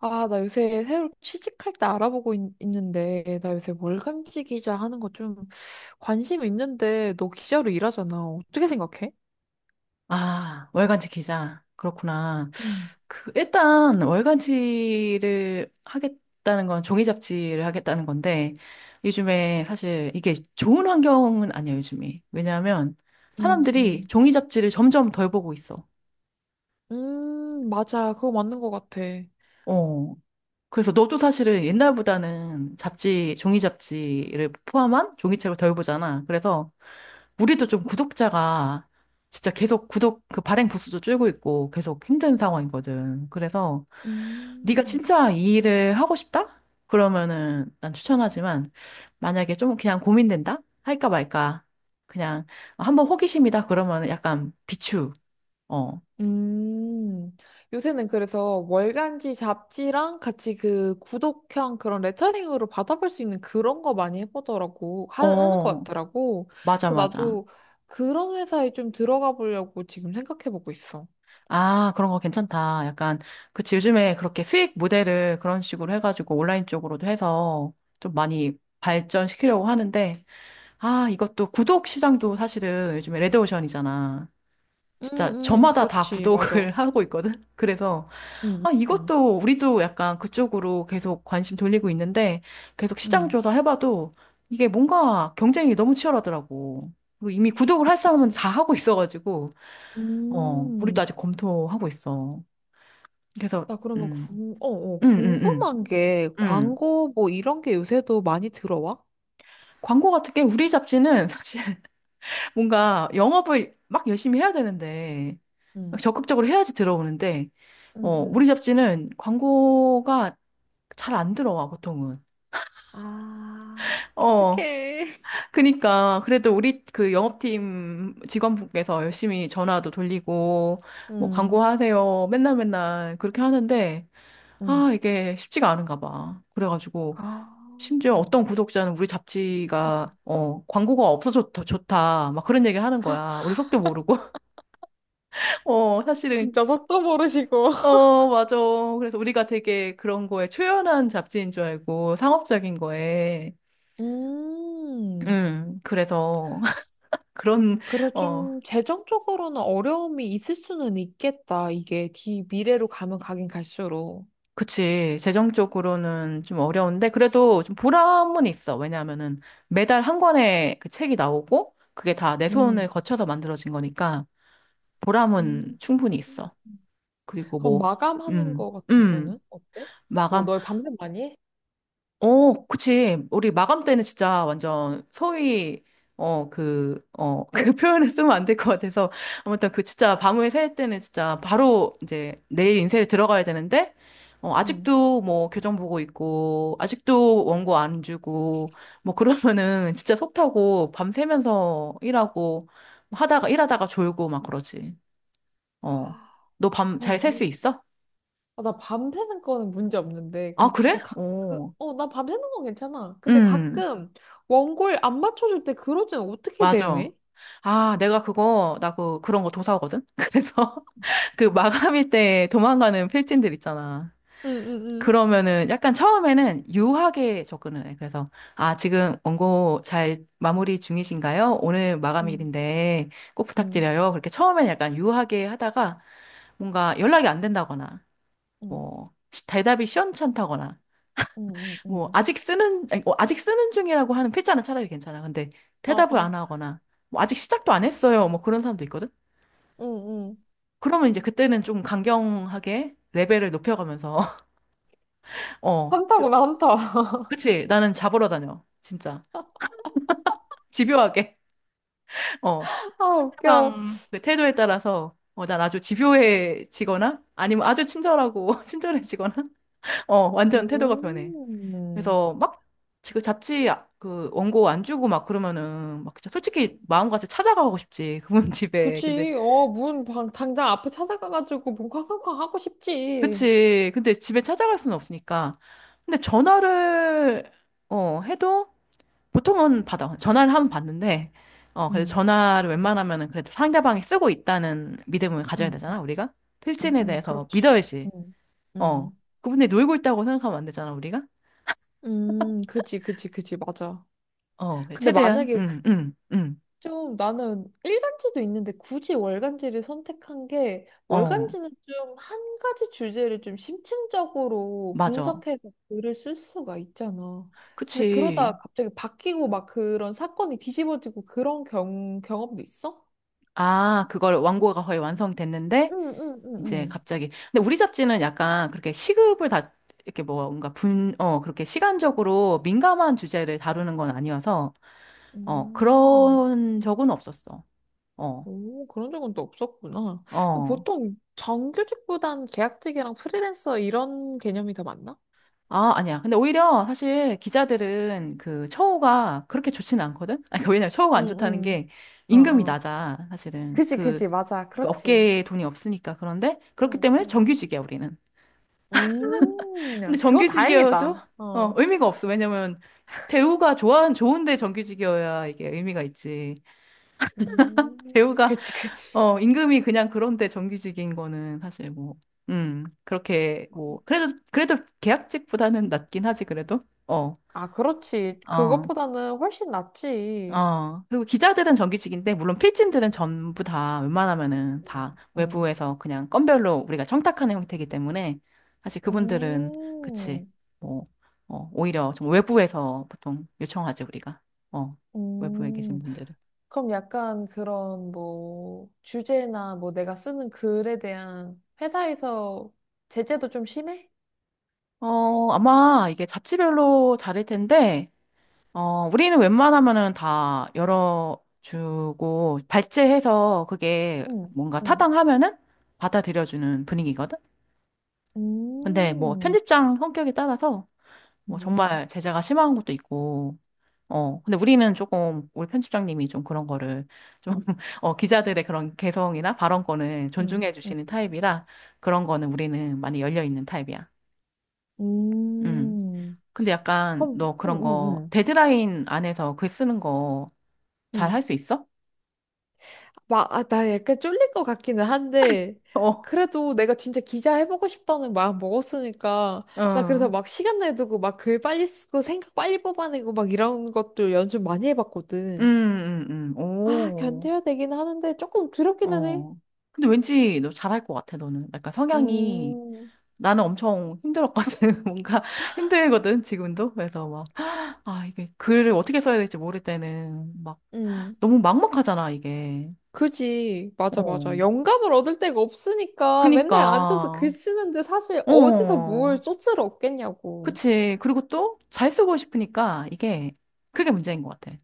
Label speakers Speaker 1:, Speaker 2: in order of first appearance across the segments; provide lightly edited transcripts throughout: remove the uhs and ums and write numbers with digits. Speaker 1: 아, 나 요새 새로 취직할 때 알아보고 있, 는데나 요새 월간지 기자 하는 거 좀 관심 있는데, 너 기자로 일하잖아. 어떻게 생각해?
Speaker 2: 아, 월간지 기자. 그렇구나.
Speaker 1: 음.
Speaker 2: 일단, 월간지를 하겠다는 건 종이 잡지를 하겠다는 건데, 요즘에 사실 이게 좋은 환경은 아니야, 요즘이. 왜냐하면 사람들이
Speaker 1: 음.
Speaker 2: 종이 잡지를 점점 덜 보고 있어.
Speaker 1: 음. 맞아, 그거 맞는 것 같아.
Speaker 2: 어. 그래서 너도 사실은 옛날보다는 잡지, 종이 잡지를 포함한 종이책을 덜 보잖아. 그래서 우리도 좀 구독자가 진짜 계속 그 발행 부수도 줄고 있고 계속 힘든 상황이거든. 그래서 네가
Speaker 1: 음,
Speaker 2: 진짜 이 일을 하고 싶다? 그러면은 난 추천하지만, 만약에 좀 그냥 고민된다? 할까 말까? 그냥 한번 호기심이다 그러면은 약간 비추. 어.
Speaker 1: 음, 요새는 그래서 월간지 잡지랑 같이 그 구독형 그런 레터링으로 받아볼 수 있는 그런 거 많이 해보더라고, 하는 것
Speaker 2: 어.
Speaker 1: 같더라고.
Speaker 2: 맞아,
Speaker 1: 그래서
Speaker 2: 맞아.
Speaker 1: 나도 그런 회사에 좀 들어가 보려고 지금 생각해보고 있어.
Speaker 2: 아, 그런 거 괜찮다. 약간 그치, 요즘에 그렇게 수익 모델을 그런 식으로 해 가지고 온라인 쪽으로도 해서 좀 많이 발전시키려고 하는데, 아, 이것도 구독 시장도 사실은 요즘에 레드오션이잖아. 진짜
Speaker 1: 음. 음.
Speaker 2: 저마다 다
Speaker 1: 그렇지,
Speaker 2: 구독을
Speaker 1: 맞아.
Speaker 2: 하고 있거든. 그래서
Speaker 1: 음.
Speaker 2: 아,
Speaker 1: 음.
Speaker 2: 이것도 우리도 약간 그쪽으로 계속 관심 돌리고 있는데, 계속 시장
Speaker 1: 음.
Speaker 2: 조사 해봐도 이게 뭔가 경쟁이 너무 치열하더라고. 그리고 이미 구독을 할 사람은 다 하고 있어가지고,
Speaker 1: 음.
Speaker 2: 우리도
Speaker 1: 음.
Speaker 2: 아직 검토하고 있어. 그래서,
Speaker 1: 나 그러면
Speaker 2: 음, 음, 음,
Speaker 1: 궁금한 게
Speaker 2: 음.
Speaker 1: 광고 뭐 이런 게 요새도 많이 들어와?
Speaker 2: 광고 같은 게 우리 잡지는 사실 뭔가 영업을 막 열심히 해야 되는데,
Speaker 1: 음.
Speaker 2: 적극적으로 해야지 들어오는데,
Speaker 1: 음.
Speaker 2: 우리
Speaker 1: 음.
Speaker 2: 잡지는 광고가 잘 안 들어와, 보통은.
Speaker 1: 아,
Speaker 2: 어.
Speaker 1: 어떡해.
Speaker 2: 그니까 그래도 우리 그 영업팀 직원분께서 열심히 전화도 돌리고, 뭐
Speaker 1: 음.
Speaker 2: 광고하세요 맨날 맨날 그렇게 하는데,
Speaker 1: 음.
Speaker 2: 아, 이게 쉽지가 않은가 봐. 그래가지고
Speaker 1: 아,
Speaker 2: 심지어 어떤 구독자는 우리
Speaker 1: 음,
Speaker 2: 잡지가 광고가 없어 좋다, 좋다 막 그런 얘기 하는 거야. 우리 속도 모르고. 사실은.
Speaker 1: 진짜 속도 모르시고.
Speaker 2: 맞아. 그래서 우리가 되게 그런 거에 초연한 잡지인 줄 알고, 상업적인 거에
Speaker 1: 음.
Speaker 2: 그래서 그런
Speaker 1: 그래서
Speaker 2: 어
Speaker 1: 좀 재정적으로는 어려움이 있을 수는 있겠다. 이게 뒤 미래로 가면 가긴 갈수록.
Speaker 2: 그치. 재정적으로는 좀 어려운데, 그래도 좀 보람은 있어. 왜냐하면은 매달 한 권의 그 책이 나오고, 그게 다 내
Speaker 1: 음.
Speaker 2: 손을 거쳐서 만들어진 거니까, 보람은
Speaker 1: 음.
Speaker 2: 충분히 있어. 그리고
Speaker 1: 그럼
Speaker 2: 뭐,
Speaker 1: 마감하는
Speaker 2: 음,
Speaker 1: 거 같은
Speaker 2: 음,
Speaker 1: 거는 어때? 뭐,
Speaker 2: 마감.
Speaker 1: 너 밤새 많이 해?
Speaker 2: 그치. 우리 마감 때는 진짜 완전 소위, 그 표현을 쓰면 안 될 것 같아서. 아무튼 그 진짜 밤을 새울 때는 진짜 바로 이제 내일 인쇄에 들어가야 되는데,
Speaker 1: 응.
Speaker 2: 아직도 뭐 교정 보고 있고, 아직도 원고 안 주고, 뭐 그러면은 진짜 속 타고 밤새면서 일하고, 일하다가 졸고 막 그러지. 어.
Speaker 1: 아,
Speaker 2: 너 밤
Speaker 1: 아,
Speaker 2: 잘 셀
Speaker 1: 뭐.
Speaker 2: 수 있어?
Speaker 1: 아, 나 밤새는 거는 문제 없는데,
Speaker 2: 아,
Speaker 1: 근데 진짜
Speaker 2: 그래?
Speaker 1: 가끔,
Speaker 2: 어.
Speaker 1: 나 밤새는 건 괜찮아. 근데
Speaker 2: 음.
Speaker 1: 가끔 원고를 안 맞춰줄 때 그럴 때는 어떻게
Speaker 2: 맞아.
Speaker 1: 대응해?
Speaker 2: 아, 내가 그거, 나 그, 그런 거 도사거든? 그래서 그 마감일 때 도망가는 필진들 있잖아.
Speaker 1: 응, 응, 응,
Speaker 2: 그러면은 약간 처음에는 유하게 접근을 해. 그래서, 아, 지금 원고 잘 마무리 중이신가요? 오늘
Speaker 1: 응,
Speaker 2: 마감일인데 꼭
Speaker 1: 응,
Speaker 2: 부탁드려요. 그렇게 처음엔 약간 유하게 하다가 뭔가 연락이 안 된다거나,
Speaker 1: 응,
Speaker 2: 뭐, 대답이 시원찮다거나,
Speaker 1: 응, 응,
Speaker 2: 뭐
Speaker 1: 응.
Speaker 2: 아직 쓰는 아니, 아직 쓰는 중이라고 하는 필자는 차라리 괜찮아. 근데
Speaker 1: 어,
Speaker 2: 대답을 안
Speaker 1: 어,
Speaker 2: 하거나, 뭐 아직 시작도 안 했어요, 뭐 그런 사람도 있거든.
Speaker 1: 응, 응.
Speaker 2: 그러면 이제 그때는 좀 강경하게 레벨을 높여가면서 어 좀-
Speaker 1: 한타구나, 한타.
Speaker 2: 그치, 나는 잡으러 다녀 진짜. 집요하게. 어
Speaker 1: 아, 웃겨.
Speaker 2: 상대방 그 태도에 따라서 난 아주 집요해지거나 아니면 아주 친절하고 친절해지거나 완전 태도가 변해.
Speaker 1: 음,
Speaker 2: 그래서 막 지금 그 원고 안 주고 막 그러면은 막 진짜 솔직히 마음 가서 찾아가고 싶지, 그분
Speaker 1: 그
Speaker 2: 집에. 근데
Speaker 1: 치 당장 앞에 찾아가가지고 문 쾅쾅쾅 하고 싶지.
Speaker 2: 그치, 근데 집에 찾아갈 수는 없으니까. 근데 전화를 해도 보통은 받아, 전화를 하면 받는데, 그래서
Speaker 1: 음.
Speaker 2: 전화를 웬만하면은, 그래도 상대방이 쓰고 있다는 믿음을 가져야
Speaker 1: 음.
Speaker 2: 되잖아, 우리가.
Speaker 1: 음.
Speaker 2: 필진에
Speaker 1: 음.
Speaker 2: 대해서
Speaker 1: 그렇지.
Speaker 2: 믿어야지.
Speaker 1: 음.
Speaker 2: 어
Speaker 1: 음.
Speaker 2: 그분이 놀고 있다고 생각하면 안 되잖아, 우리가.
Speaker 1: 음. 그지, 그지, 그지, 맞아.
Speaker 2: 어
Speaker 1: 근데
Speaker 2: 최대한
Speaker 1: 만약에 그-.
Speaker 2: 응응응어
Speaker 1: 좀 나는 일간지도 있는데 굳이 월간지를 선택한 게 월간지는 좀 한 가지 주제를 좀 심층적으로
Speaker 2: 맞아.
Speaker 1: 분석해서 글을 쓸 수가 있잖아. 근데 그러다
Speaker 2: 그치.
Speaker 1: 갑자기 바뀌고 막 그런 사건이 뒤집어지고 그런 경험도 있어?
Speaker 2: 아, 그걸 완고가 거의 완성됐는데,
Speaker 1: 응, 응,
Speaker 2: 이제
Speaker 1: 응,
Speaker 2: 갑자기. 근데 우리 잡지는 약간 그렇게 시급을 이렇게 뭐 뭔가 그렇게 시간적으로 민감한 주제를 다루는 건 아니어서,
Speaker 1: 응.
Speaker 2: 그런 적은 없었어. 어,
Speaker 1: 오, 그런 적은 또 없었구나.
Speaker 2: 어.
Speaker 1: 보통 정규직보단 계약직이랑 프리랜서 이런 개념이 더 많나?
Speaker 2: 아, 아니야. 근데 오히려 사실 기자들은 그 처우가 그렇게 좋지는 않거든? 아니, 그러니까 왜냐면 처우가
Speaker 1: 응,
Speaker 2: 안 좋다는
Speaker 1: 응.
Speaker 2: 게
Speaker 1: 어,
Speaker 2: 임금이
Speaker 1: 어.
Speaker 2: 낮아, 사실은.
Speaker 1: 그지, 그지. 맞아.
Speaker 2: 그
Speaker 1: 그렇지.
Speaker 2: 업계에 돈이 없으니까. 그런데 그렇기
Speaker 1: 응,
Speaker 2: 때문에
Speaker 1: 응.
Speaker 2: 정규직이야, 우리는. 근데
Speaker 1: 야, 그건
Speaker 2: 정규직이어도
Speaker 1: 다행이다. 어.
Speaker 2: 의미가 없어. 왜냐면 대우가 좋아 좋은데, 정규직이어야 이게 의미가 있지.
Speaker 1: 음,
Speaker 2: 대우가
Speaker 1: 그지, 그지.
Speaker 2: 임금이 그냥 그런데, 정규직인 거는 사실 뭐 그렇게 뭐 그래도 그래도 계약직보다는 낫긴 하지, 그래도. 어.
Speaker 1: 아, 그렇지.
Speaker 2: 어.
Speaker 1: 그것보다는 훨씬 낫지.
Speaker 2: 그리고 기자들은 정규직인데, 물론 필진들은 전부 다 웬만하면은 다
Speaker 1: 음. 음.
Speaker 2: 외부에서 그냥 건별로 우리가 청탁하는 형태이기 때문에, 사실 그분들은, 그치,
Speaker 1: 음.
Speaker 2: 뭐, 오히려 좀 외부에서 보통 요청하지, 우리가. 어, 외부에 계신
Speaker 1: 음.
Speaker 2: 분들은.
Speaker 1: 그럼 약간 그런 뭐 주제나 뭐 내가 쓰는 글에 대한 회사에서 제재도 좀 심해?
Speaker 2: 아마 이게 잡지별로 다를 텐데, 우리는 웬만하면은 다 열어주고, 발제해서 그게
Speaker 1: 응,
Speaker 2: 뭔가
Speaker 1: 응.
Speaker 2: 타당하면은 받아들여주는 분위기거든? 근데 뭐
Speaker 1: 음.
Speaker 2: 편집장 성격에 따라서 뭐
Speaker 1: 음.
Speaker 2: 정말 제재가 심한 것도 있고, 근데 우리는 조금, 우리 편집장님이 좀 그런 거를 좀, 기자들의 그런 개성이나 발언권을
Speaker 1: 음.
Speaker 2: 존중해 주시는 타입이라 그런 거는 우리는 많이 열려 있는 타입이야. 음.
Speaker 1: 음.
Speaker 2: 근데 약간
Speaker 1: 그럼,
Speaker 2: 너
Speaker 1: 응,
Speaker 2: 그런
Speaker 1: 응,
Speaker 2: 거
Speaker 1: 응.
Speaker 2: 데드라인 안에서 글 쓰는 거 잘 할
Speaker 1: 응.
Speaker 2: 수 있어?
Speaker 1: 막, 아, 나 약간 쫄릴 것 같기는 한데,
Speaker 2: 어,
Speaker 1: 그래도 내가 진짜 기자 해보고 싶다는 마음 먹었으니까, 나 그래서
Speaker 2: 응,
Speaker 1: 막 시간 내두고 막 글 빨리 쓰고 생각 빨리 뽑아내고 막 이런 것도 연습 많이
Speaker 2: 음,
Speaker 1: 해봤거든.
Speaker 2: 음,
Speaker 1: 아,
Speaker 2: 오,
Speaker 1: 견뎌야 되긴 하는데 조금 두렵기는 해.
Speaker 2: 어. 근데 왠지 너 잘할 것 같아, 너는. 약간 성향이.
Speaker 1: 음,
Speaker 2: 나는 엄청 힘들었거든. 뭔가 힘들거든, 지금도. 그래서 막, 아, 이게 글을 어떻게 써야 될지 모를 때는 막
Speaker 1: 음,
Speaker 2: 너무 막막하잖아, 이게.
Speaker 1: 그지. 맞아, 맞아.
Speaker 2: 어.
Speaker 1: 영감을 얻을 데가 없으니까 맨날 앉아서 글
Speaker 2: 그니까,
Speaker 1: 쓰는데 사실 어디서 뭘
Speaker 2: 어.
Speaker 1: 소스를 얻겠냐고.
Speaker 2: 그치. 그리고 또 잘 쓰고 싶으니까 이게, 그게 문제인 것 같아.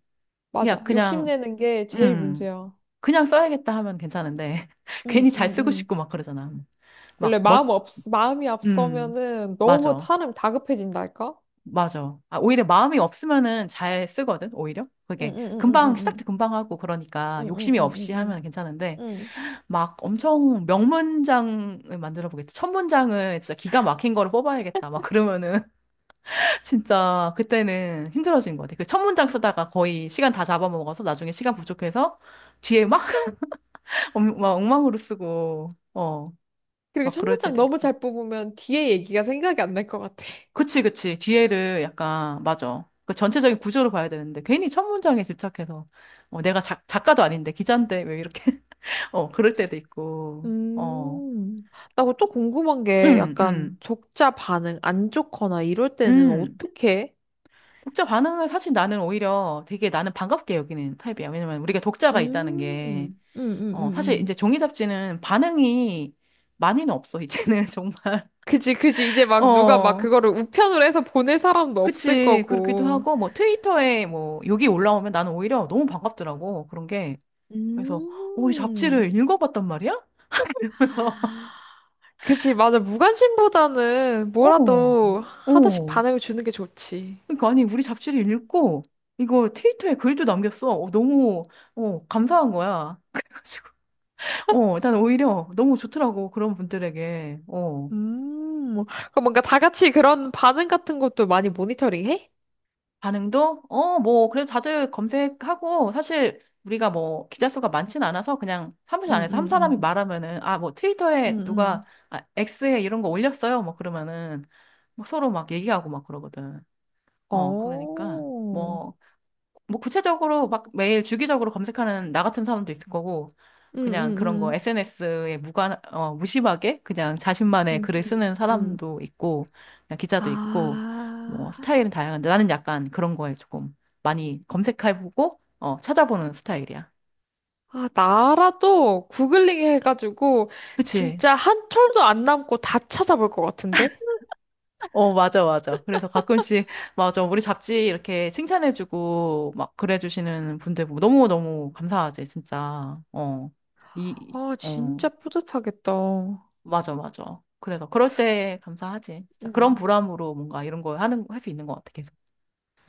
Speaker 2: 그냥,
Speaker 1: 맞아.
Speaker 2: 그냥,
Speaker 1: 욕심내는 게 제일
Speaker 2: 음,
Speaker 1: 문제야.
Speaker 2: 그냥 써야겠다 하면 괜찮은데,
Speaker 1: 응,
Speaker 2: 괜히
Speaker 1: 응,
Speaker 2: 잘 쓰고
Speaker 1: 응.
Speaker 2: 싶고 막 그러잖아.
Speaker 1: 원래
Speaker 2: 막 멋,
Speaker 1: 마음이
Speaker 2: 음,
Speaker 1: 앞서면은 너무
Speaker 2: 맞아.
Speaker 1: 사람 다급해진달까?
Speaker 2: 맞아. 아, 오히려 마음이 없으면은 잘 쓰거든, 오히려.
Speaker 1: 응,
Speaker 2: 그게.
Speaker 1: 응, 응,
Speaker 2: 금방,
Speaker 1: 응, 응.
Speaker 2: 시작도 금방 하고, 그러니까
Speaker 1: 응, 응,
Speaker 2: 욕심이
Speaker 1: 응, 응,
Speaker 2: 없이 하면
Speaker 1: 응.
Speaker 2: 괜찮은데,
Speaker 1: 응. 응.
Speaker 2: 막 엄청 명문장을 만들어 보겠다, 천문장을 진짜 기가 막힌 거를 뽑아야겠다, 막 그러면은, 진짜 그때는 힘들어진 것 같아. 그 천문장 쓰다가 거의 시간 다 잡아먹어서 나중에 시간 부족해서 뒤에 막, 막 엉망으로 쓰고,
Speaker 1: 그리고
Speaker 2: 막
Speaker 1: 첫
Speaker 2: 그럴
Speaker 1: 문장
Speaker 2: 때도
Speaker 1: 너무
Speaker 2: 있고.
Speaker 1: 잘 뽑으면 뒤에 얘기가 생각이 안 날 것 같아.
Speaker 2: 그치, 그치. 뒤에를 약간, 맞아. 그 전체적인 구조를 봐야 되는데, 괜히 첫 문장에 집착해서, 내가 작가도 아닌데, 기자인데, 왜 이렇게, 그럴 때도 있고,
Speaker 1: 음. 나또 그거 또 궁금한 게
Speaker 2: 음,
Speaker 1: 약간
Speaker 2: 음,
Speaker 1: 독자 반응 안 좋거나 이럴 때는
Speaker 2: 음.
Speaker 1: 어떻게?
Speaker 2: 독자 반응을 사실 나는 오히려 되게 나는 반갑게 여기는 타입이야. 왜냐면 우리가 독자가 있다는 게,
Speaker 1: 음. 음. 음. 음.
Speaker 2: 사실 이제
Speaker 1: 음.
Speaker 2: 종이 잡지는 반응이 많이는 없어, 이제는 정말.
Speaker 1: 그지, 그지. 이제 막 누가 막
Speaker 2: 어.
Speaker 1: 그거를 우편으로 해서 보낼 사람도 없을
Speaker 2: 그치, 그렇기도
Speaker 1: 거고.
Speaker 2: 하고, 뭐, 트위터에 뭐, 욕이 올라오면 나는 오히려 너무 반갑더라고. 그런 게, 그래서 우리
Speaker 1: 음.
Speaker 2: 잡지를 읽어봤단 말이야? 이러면서.
Speaker 1: 그지, 맞아. 무관심보다는
Speaker 2: 어.
Speaker 1: 뭐라도 하나씩
Speaker 2: 어
Speaker 1: 반응을 주는 게 좋지.
Speaker 2: 그러니까 아니 우리 잡지를 읽고 이거 트위터에 글도 남겼어. 어, 너무 감사한 거야. 그래가지고 일단 오히려 너무 좋더라고, 그런 분들에게.
Speaker 1: 음. 그럼 뭔가 다 같이 그런 반응 같은 것도 많이 모니터링 해?
Speaker 2: 반응도 뭐 그래도 다들 검색하고, 사실 우리가 뭐 기자 수가 많진 않아서 그냥 사무실
Speaker 1: 응
Speaker 2: 안에서
Speaker 1: 응
Speaker 2: 한 사람이
Speaker 1: 응
Speaker 2: 말하면은, 아 뭐
Speaker 1: 응
Speaker 2: 트위터에 누가
Speaker 1: 응
Speaker 2: 아, X에 이런 거 올렸어요 뭐 그러면은 막 서로 막 얘기하고 막 그러거든. 그러니까,
Speaker 1: 어,
Speaker 2: 뭐, 뭐, 구체적으로 막 매일 주기적으로 검색하는 나 같은 사람도 있을 거고,
Speaker 1: 응,
Speaker 2: 그냥
Speaker 1: 응,
Speaker 2: 그런 거
Speaker 1: 응,
Speaker 2: SNS에 무심하게 그냥 자신만의
Speaker 1: 응,
Speaker 2: 글을 쓰는
Speaker 1: 응, 응.
Speaker 2: 사람도 있고, 그냥 기자도 있고, 뭐,
Speaker 1: 아,
Speaker 2: 스타일은 다양한데, 나는 약간 그런 거에 조금 많이 검색해보고, 찾아보는 스타일이야.
Speaker 1: 아, 나라도 구글링 해가지고
Speaker 2: 그치?
Speaker 1: 진짜 한 톨도 안 남고 다 찾아볼 것 같은데?
Speaker 2: 어, 맞아, 맞아. 그래서 가끔씩, 맞아. 우리 잡지 이렇게 칭찬해주고, 막, 그래주시는 분들 보고 너무너무 감사하지, 진짜. 이,
Speaker 1: 아,
Speaker 2: 어,
Speaker 1: 진짜 뿌듯하겠다.
Speaker 2: 맞아, 맞아. 그래서 그럴 때 감사하지, 진짜. 그런
Speaker 1: 음.
Speaker 2: 보람으로 뭔가 이런 거 하는, 할 수 있는 것 같아, 계속.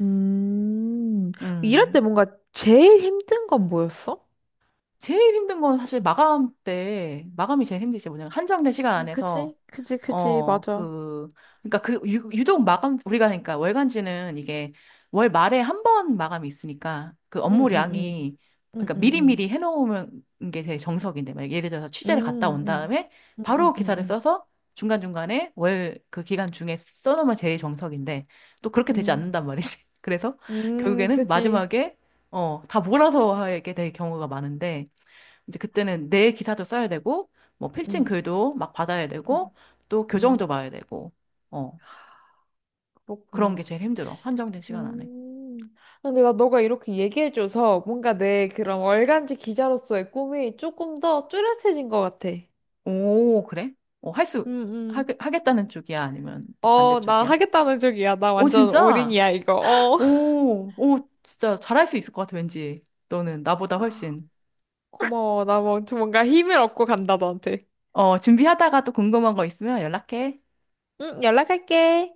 Speaker 1: 음, 일할 때
Speaker 2: 음.
Speaker 1: 뭔가 제일 힘든 건 뭐였어?
Speaker 2: 제일 힘든 건 사실 마감 때, 마감이 제일 힘들지, 뭐냐면, 한정된 시간
Speaker 1: 아,
Speaker 2: 안에서
Speaker 1: 그지? 그지, 그지,
Speaker 2: 어,
Speaker 1: 맞아.
Speaker 2: 그, 그러니까 유독 마감, 우리가, 그러니까 월간지는 이게 월 말에 한 번 마감이 있으니까 그
Speaker 1: 응, 응, 응.
Speaker 2: 업무량이,
Speaker 1: 응,
Speaker 2: 그러니까
Speaker 1: 응, 응.
Speaker 2: 미리미리 해놓으면 게 제일 정석인데, 막 예를 들어서
Speaker 1: 응,
Speaker 2: 취재를 갔다 온
Speaker 1: 응.
Speaker 2: 다음에
Speaker 1: 응, 응,
Speaker 2: 바로
Speaker 1: 응,
Speaker 2: 기사를
Speaker 1: 응.
Speaker 2: 써서 중간중간에 월 그 기간 중에 써놓으면 제일 정석인데, 또 그렇게 되지
Speaker 1: 응.
Speaker 2: 않는단 말이지. 그래서 결국에는
Speaker 1: 그지.
Speaker 2: 마지막에, 다 몰아서 하게 될 경우가 많은데, 이제 그때는 내 기사도 써야 되고, 뭐 필칭
Speaker 1: 응.
Speaker 2: 글도 막 받아야 되고, 또 교정도
Speaker 1: 음,
Speaker 2: 봐야 되고, 어, 그런 게
Speaker 1: 그렇구나.
Speaker 2: 제일 힘들어. 한정된 시간 안에.
Speaker 1: 음. 근데 나 너가 이렇게 얘기해줘서 뭔가 내 그런 월간지 기자로서의 꿈이 조금 더 뚜렷해진 것 같아.
Speaker 2: 오, 그래? 어, 할 수,
Speaker 1: 응.
Speaker 2: 하겠다는 쪽이야? 아니면
Speaker 1: 나
Speaker 2: 반대쪽이야?
Speaker 1: 하겠다는 쪽이야. 나
Speaker 2: 오,
Speaker 1: 완전
Speaker 2: 진짜?
Speaker 1: 올인이야, 이거. 어.
Speaker 2: 오, 오, 진짜 잘할 수 있을 것 같아, 왠지. 너는 나보다
Speaker 1: 아,
Speaker 2: 훨씬.
Speaker 1: 고마워. 나 뭐, 좀 뭔가 힘을 얻고 간다, 너한테.
Speaker 2: 어, 준비하다가 또 궁금한 거 있으면 연락해.
Speaker 1: 응. 응, 연락할게.